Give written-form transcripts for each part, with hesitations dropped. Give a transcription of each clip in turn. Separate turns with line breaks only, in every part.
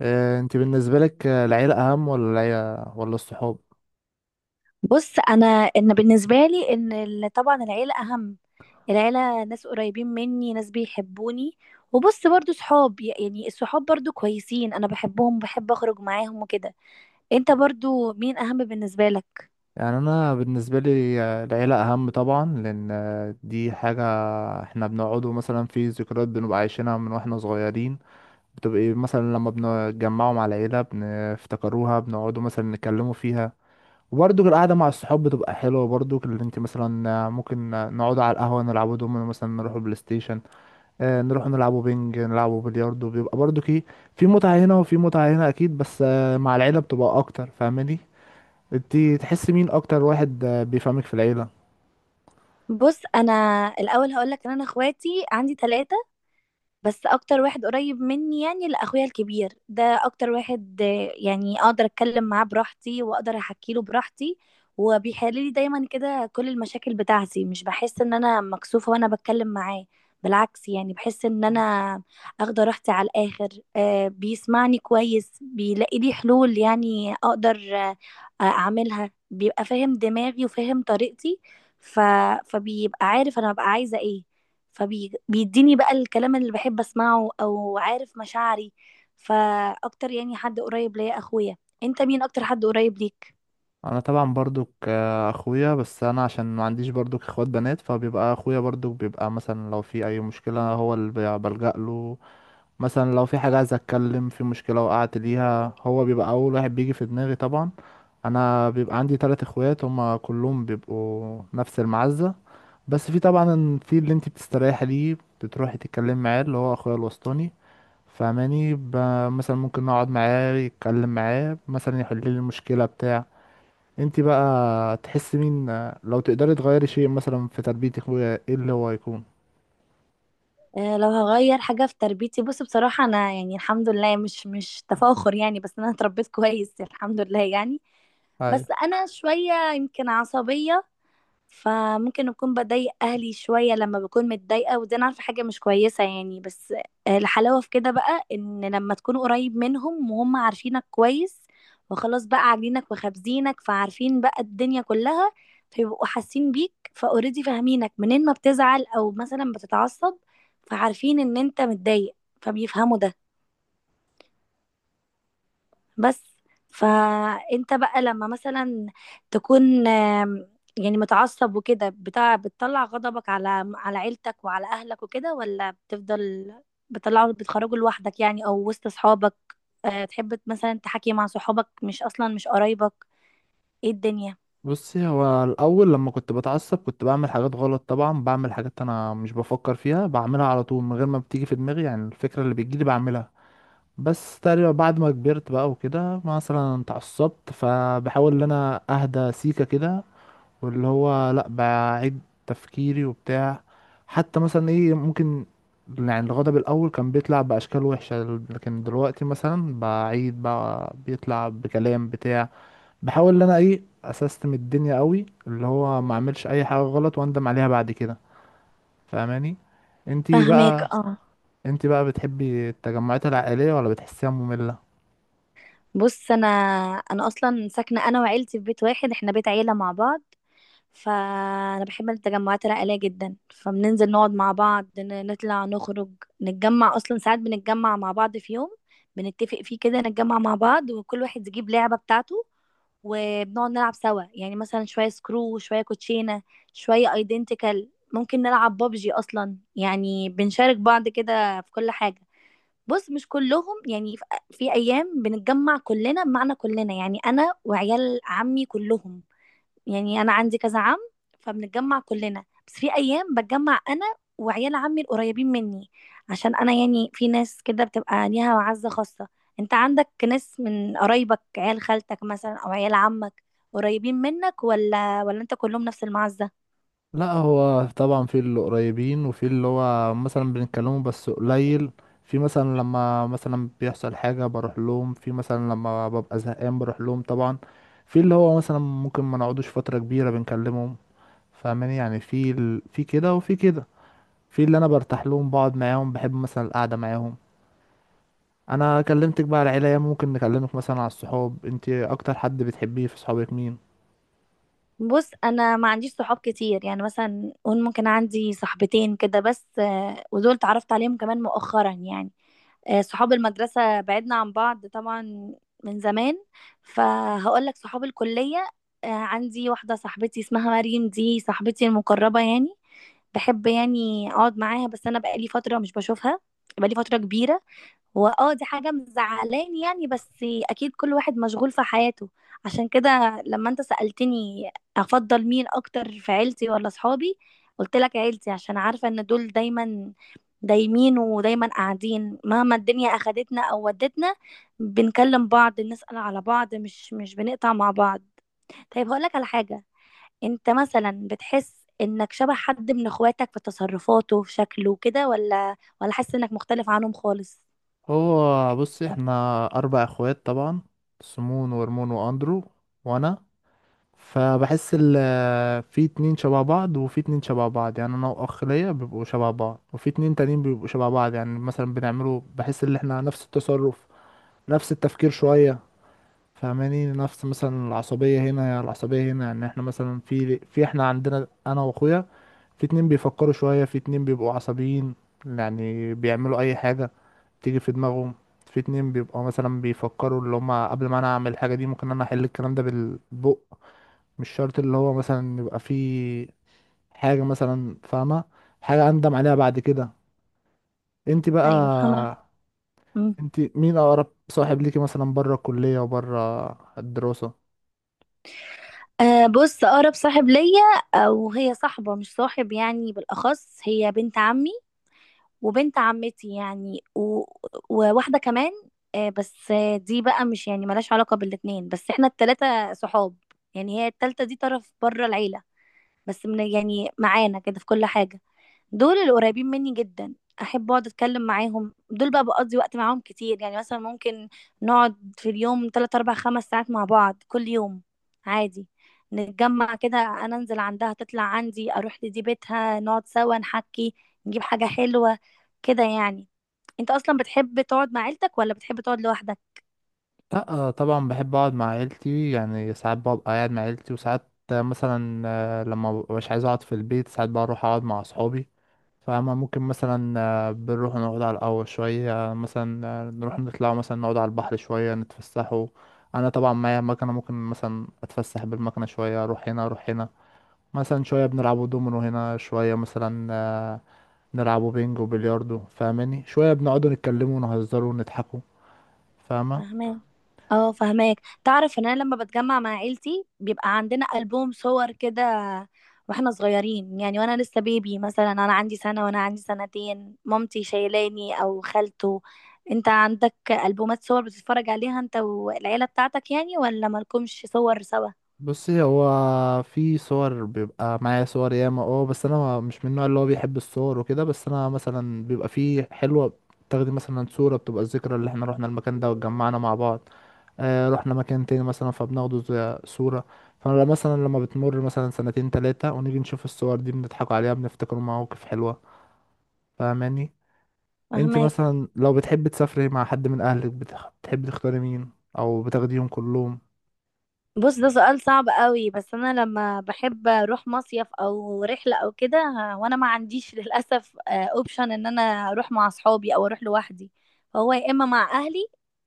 انت بالنسبة لك العيلة اهم ولا العيلة ولا الصحاب؟
بص، انا ان بالنسبه لي طبعا العيله اهم. العيله ناس قريبين مني، ناس بيحبوني. وبص برضو صحاب، يعني الصحاب برضو كويسين، انا بحبهم، بحب اخرج معاهم وكده. انت برضو مين اهم بالنسبه لك؟
يعني انا بالنسبة لي العيلة اهم طبعا، لان دي حاجة احنا بنقعدوا مثلا في ذكريات بنبقى عايشينها من واحنا صغيرين، بتبقى إيه، مثلا لما بنتجمعوا مع العيلة بنفتكروها، بنقعدوا مثلا نتكلموا فيها. وبرضه القعدة مع الصحاب بتبقى حلوة برضه، اللي انت مثلا ممكن نقعدوا على القهوة نلعبوا دومينو، مثلا نروحوا بلاي ستيشن، نروح نلعبوا بينج، نلعبوا بلياردو، بيبقى برضو كي. في متعة هنا وفي متعة هنا أكيد، بس مع العيلة بتبقى أكتر. فاهماني؟ انت تحس مين أكتر واحد بيفهمك في العيلة؟
بص، انا الاول هقولك ان انا اخواتي عندي ثلاثه. بس اكتر واحد قريب مني يعني لاخويا الكبير، ده اكتر واحد يعني اقدر اتكلم معاه براحتي واقدر احكي له براحتي. وبيحل لي دايما كده كل المشاكل بتاعتي، مش بحس ان انا مكسوفة وانا بتكلم معاه. بالعكس يعني بحس ان انا اخده راحتي على الاخر. بيسمعني كويس، بيلاقي لي حلول، يعني اقدر اعملها، بيبقى فاهم دماغي وفاهم طريقتي. ف... فبيبقى عارف انا ببقى عايزة ايه، فبيديني بقى الكلام اللي بحب اسمعه او عارف مشاعري. فاكتر يعني حد قريب ليا اخويا. انت مين اكتر حد قريب ليك؟
أنا طبعا برضو أخويا، بس أنا عشان ما عنديش برضو إخوات بنات فبيبقى أخويا برضو بيبقى مثلا لو في أي مشكلة هو اللي بلجأ له. مثلا لو في حاجة عايز أتكلم، في مشكلة وقعت ليها، هو بيبقى أول واحد بيجي في دماغي طبعا. أنا بيبقى عندي تلات إخوات هما كلهم بيبقوا نفس المعزة، بس في طبعا في اللي انت بتستريحي ليه بتروحي تتكلمي معاه، اللي هو اخويا الوسطاني، فاهماني؟ مثلا ممكن نقعد معاه، يتكلم معاه مثلا، يحل لي المشكله بتاع. انت بقى تحسي مين؟ لو تقدري تغيري شيء مثلا في تربيه اخويا، ايه اللي هو يكون؟
أه، لو هغير حاجة في تربيتي، بص، بصراحة انا يعني الحمد لله، مش تفاخر يعني، بس انا اتربيت كويس الحمد لله يعني. بس
ايوه.
انا شوية يمكن عصبية. فممكن اكون بضايق اهلي شويه لما بكون متضايقه، ودي انا عارفه حاجه مش كويسه يعني، بس. الحلاوه في كده بقى، ان لما تكون قريب منهم وهم عارفينك كويس، وخلاص بقى عاملينك وخابزينك، فعارفين بقى الدنيا كلها. فيبقوا حاسين بيك فاوريدي، فاهمينك منين ما بتزعل او مثلا بتتعصب، فعارفين ان انت متضايق، فبيفهموا ده. بس فانت بقى لما مثلا تكون يعني متعصب وكده بتاع، بتطلع غضبك على عيلتك وعلى اهلك وكده، ولا بتفضل بتطلعه بتخرجه لوحدك يعني، او وسط اصحابك؟ تحب مثلا تحكي مع صحابك مش اصلا مش قرايبك، ايه الدنيا؟
بصي، هو الاول لما كنت بتعصب كنت بعمل حاجات غلط طبعا، بعمل حاجات انا مش بفكر فيها، بعملها على طول من غير ما بتيجي في دماغي، يعني الفكره اللي بتجيلي بعملها. بس تقريبا بعد ما كبرت بقى وكده، مثلا اتعصبت فبحاول ان انا اهدى سيكة كده، واللي هو لا بعيد تفكيري وبتاع. حتى مثلا ايه ممكن، يعني الغضب الاول كان بيطلع باشكال وحشة، لكن دلوقتي مثلا بعيد بقى بيطلع بكلام بتاع بحاول ان انا ايه اسستم الدنيا قوي، اللي هو ما اعملش اي حاجة غلط واندم عليها بعد كده. فاهماني؟ انتي
فهماك،
بقى،
اه.
انتي بقى، بتحبي التجمعات العائلية ولا بتحسيها مملة؟
بص، انا اصلا ساكنه انا وعيلتي في بيت واحد، احنا بيت عيله مع بعض. فانا بحب التجمعات العائليه جدا، فبننزل نقعد مع بعض، نطلع نخرج نتجمع. اصلا ساعات بنتجمع مع بعض في يوم بنتفق فيه كده، نتجمع مع بعض وكل واحد يجيب لعبه بتاعته. وبنقعد نلعب سوا، يعني مثلا شويه سكرو، شويه كوتشينه، شويه ايدنتيكال، ممكن نلعب بابجي، اصلا يعني بنشارك بعض كده في كل حاجه. بص، مش كلهم يعني، في ايام بنتجمع كلنا، بمعنى كلنا يعني انا وعيال عمي كلهم، يعني انا عندي كذا عم، فبنتجمع كلنا. بس في ايام بتجمع انا وعيال عمي القريبين مني، عشان انا يعني في ناس كده بتبقى ليها معزة خاصة. انت عندك ناس من قرايبك، عيال خالتك مثلا او عيال عمك، قريبين منك، ولا انت كلهم نفس المعزة؟
لا، هو طبعا في اللي قريبين وفي اللي هو مثلا بنتكلمه بس قليل، في مثلا لما مثلا بيحصل حاجة بروح لهم، في مثلا لما ببقى زهقان بروح لهم طبعا، في اللي هو مثلا ممكن ما نقعدوش فترة كبيرة بنكلمهم. فاهماني؟ يعني في في كده وفي كده، في اللي انا برتاح لهم بقعد معاهم، بحب مثلا القعدة معاهم. انا كلمتك بقى على العيلة، ممكن نكلمك مثلا على الصحاب. انت اكتر حد بتحبيه في صحابك مين؟
بص، انا ما عنديش صحاب كتير، يعني مثلا قول ممكن عندي صاحبتين كده بس، ودول اتعرفت عليهم كمان مؤخرا يعني. صحاب المدرسة بعدنا عن بعض طبعا من زمان، فهقول لك صحاب الكلية. عندي واحدة صاحبتي اسمها مريم، دي صاحبتي المقربة يعني. بحب يعني اقعد معاها، بس انا بقالي فترة مش بشوفها، بقالي فترة كبيرة. هو اه دي حاجة مزعلاني يعني، بس اكيد كل واحد مشغول في حياته. عشان كده لما انت سألتني افضل مين اكتر في عيلتي ولا صحابي، قلت لك عيلتي، عشان عارفة ان دول دايما دايمين ودايما قاعدين، مهما الدنيا اخدتنا او ودتنا، بنكلم بعض، نسأل على بعض، مش بنقطع مع بعض. طيب، هقول لك على حاجة. انت مثلا بتحس انك شبه حد من اخواتك في تصرفاته في شكله كده، ولا حاسس انك مختلف عنهم خالص؟
هو بص، احنا اربع اخوات طبعا، سمون ورمون واندرو وانا. فبحس في اتنين شبه بعض وفي اتنين شبه بعض، يعني انا واخ ليا بيبقوا شبه بعض، وفي اتنين تانيين بيبقوا شبه بعض، يعني مثلا بنعملوا، بحس ان احنا نفس التصرف، نفس التفكير شوية. فاهماني؟ نفس مثلا العصبية هنا يا العصبية هنا، يعني احنا مثلا في احنا عندنا انا واخويا، في اتنين بيفكروا شوية، في اتنين بيبقوا عصبيين، يعني بيعملوا اي حاجة تيجي في دماغهم. في اتنين بيبقوا مثلا بيفكروا، اللي هما قبل ما انا اعمل الحاجة دي ممكن انا احل الكلام ده بالبق، مش شرط اللي هو مثلا يبقى في حاجة، مثلا فاهمة، حاجة اندم عليها بعد كده. انت بقى،
ايوه، فاهمة. مم.
انت مين اقرب صاحب ليكي مثلا بره الكلية وبره الدراسة؟
أه، بص، أقرب صاحب ليا، أو هي صاحبة مش صاحب يعني، بالأخص هي بنت عمي وبنت عمتي يعني، وواحدة كمان. أه، بس دي بقى مش يعني ملهاش علاقة بالاتنين، بس احنا التلاتة صحاب. يعني هي التالتة دي طرف بره العيلة، بس من يعني معانا كده في كل حاجة. دول القريبين مني جدا، احب اقعد اتكلم معاهم، دول بقى بقضي وقت معاهم كتير، يعني مثلا ممكن نقعد في اليوم 3 4 5 ساعات مع بعض كل يوم، عادي. نتجمع كده، انا انزل عندها، تطلع عندي، اروح لدي بيتها، نقعد سوا نحكي، نجيب حاجة حلوة كده يعني. انت اصلا بتحب تقعد مع عيلتك ولا بتحب تقعد لوحدك؟
لا طبعا بحب اقعد مع عيلتي، يعني ساعات ببقى قاعد مع عيلتي وساعات مثلا لما مبقاش عايز اقعد في البيت ساعات بروح اقعد مع اصحابي. فاهمة؟ ممكن مثلا بنروح نقعد على القهوة شوية، مثلا نروح نطلع، مثلا نقعد على البحر شوية نتفسحوا. أنا طبعا معايا مكنة، ممكن مثلا أتفسح بالمكنة شوية، أروح هنا أروح هنا. مثلا شوية بنلعبوا دومينو هنا، شوية مثلا نلعبوا بينج وبلياردو. فاهماني؟ شوية بنقعدوا نتكلموا ونهزروا ونضحكوا. فاهمة؟
فاهماك، اه فاهماك. تعرف ان انا لما بتجمع مع عيلتي بيبقى عندنا ألبوم صور كده، واحنا صغيرين يعني، وانا لسه بيبي مثلا، انا عندي سنة وانا عندي سنتين، مامتي شايلاني او خالته. انت عندك ألبومات صور بتتفرج عليها انت والعيلة بتاعتك يعني، ولا مالكمش صور سوا؟
بصي، هو في صور، بيبقى معايا صور ياما، اه، بس انا مش من النوع اللي هو بيحب الصور وكده، بس انا مثلا بيبقى في حلوة، تاخدي مثلا صورة بتبقى الذكرى اللي احنا رحنا المكان ده واتجمعنا مع بعض، آه رحنا مكان تاني مثلا فبناخده زي صورة. فانا مثلا لما بتمر مثلا سنتين تلاتة ونيجي نشوف الصور دي بنضحك عليها، بنفتكر مواقف حلوة. فاهماني؟ انت
فاهماك.
مثلا لو بتحبي تسافري مع حد من اهلك بتحبي تختاري مين، او بتاخديهم كلهم؟
بص، ده سؤال صعب قوي، بس انا لما بحب اروح مصيف او رحله او كده وانا ما عنديش للاسف اوبشن ان انا اروح مع اصحابي او اروح لوحدي. فهو يا اما مع اهلي،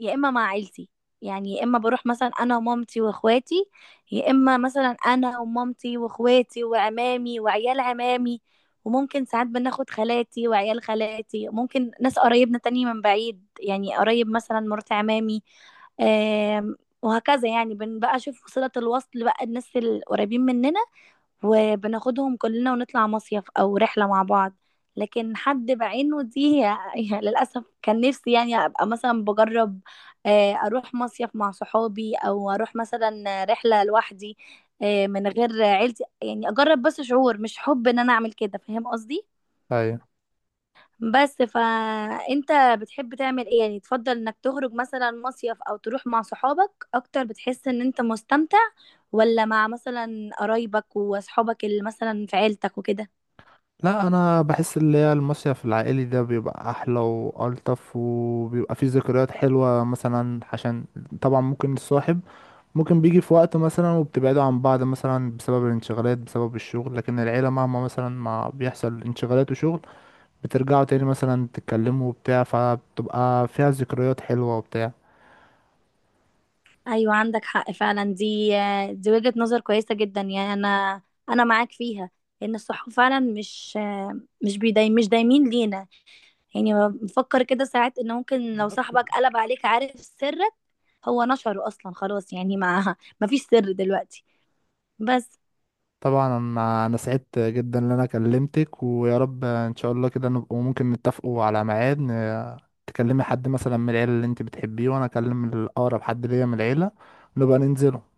يا اما مع عيلتي. يعني يا اما بروح مثلا انا ومامتي واخواتي، يا اما مثلا انا ومامتي واخواتي وعمامي وعيال عمامي. وممكن ساعات بناخد خالاتي وعيال خالاتي، ممكن ناس قرايبنا تاني من بعيد يعني قريب، مثلا مرات عمامي، آه، وهكذا يعني. بنبقى اشوف صلة الوصل بقى الناس القريبين مننا وبناخدهم كلنا ونطلع مصيف او رحلة مع بعض. لكن حد بعينه دي يعني للأسف، كان نفسي يعني أبقى مثلا بجرب أروح مصيف مع صحابي أو أروح مثلا رحلة لوحدي، من غير عيلتي، يعني أجرب بس شعور، مش حب إن أنا أعمل كده، فاهم قصدي؟
ايوه.
بس فانت بتحب تعمل ايه يعني؟ تفضل انك تخرج مثلا مصيف او تروح مع صحابك اكتر بتحس ان انت مستمتع، ولا مع مثلا قرايبك واصحابك اللي مثلا في عيلتك وكده؟
لا انا بحس اللي هي المصيف العائلي ده بيبقى احلى والطف وبيبقى فيه ذكريات حلوه، مثلا عشان طبعا ممكن الصاحب، ممكن بيجي في وقت مثلا وبتبعدوا عن بعض مثلا بسبب الانشغالات بسبب الشغل، لكن العيله مهما مثلا ما بيحصل انشغالات وشغل بترجعوا تاني مثلا تتكلموا وبتاع، فبتبقى فيها ذكريات حلوه
ايوه، عندك حق فعلا. دي وجهة نظر كويسة جدا يعني، انا معاك فيها. ان الصحاب فعلا مش بيداي، مش دايمين لينا. يعني بفكر كده ساعات ان ممكن لو
وبتاع.
صاحبك قلب عليك عارف سرك، هو نشره اصلا خلاص، يعني مع مفيش سر دلوقتي، بس.
طبعا أنا سعدت جدا ان انا كلمتك، ويا رب ان شاء الله كده نبقى ممكن نتفقوا على ميعاد، تكلمي حد مثلا من العيله اللي انت بتحبيه وانا اكلم الاقرب حد ليا من العيله، نبقى ننزل.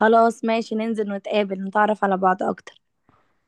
خلاص، ماشي، ننزل نتقابل نتعرف على بعض اكتر.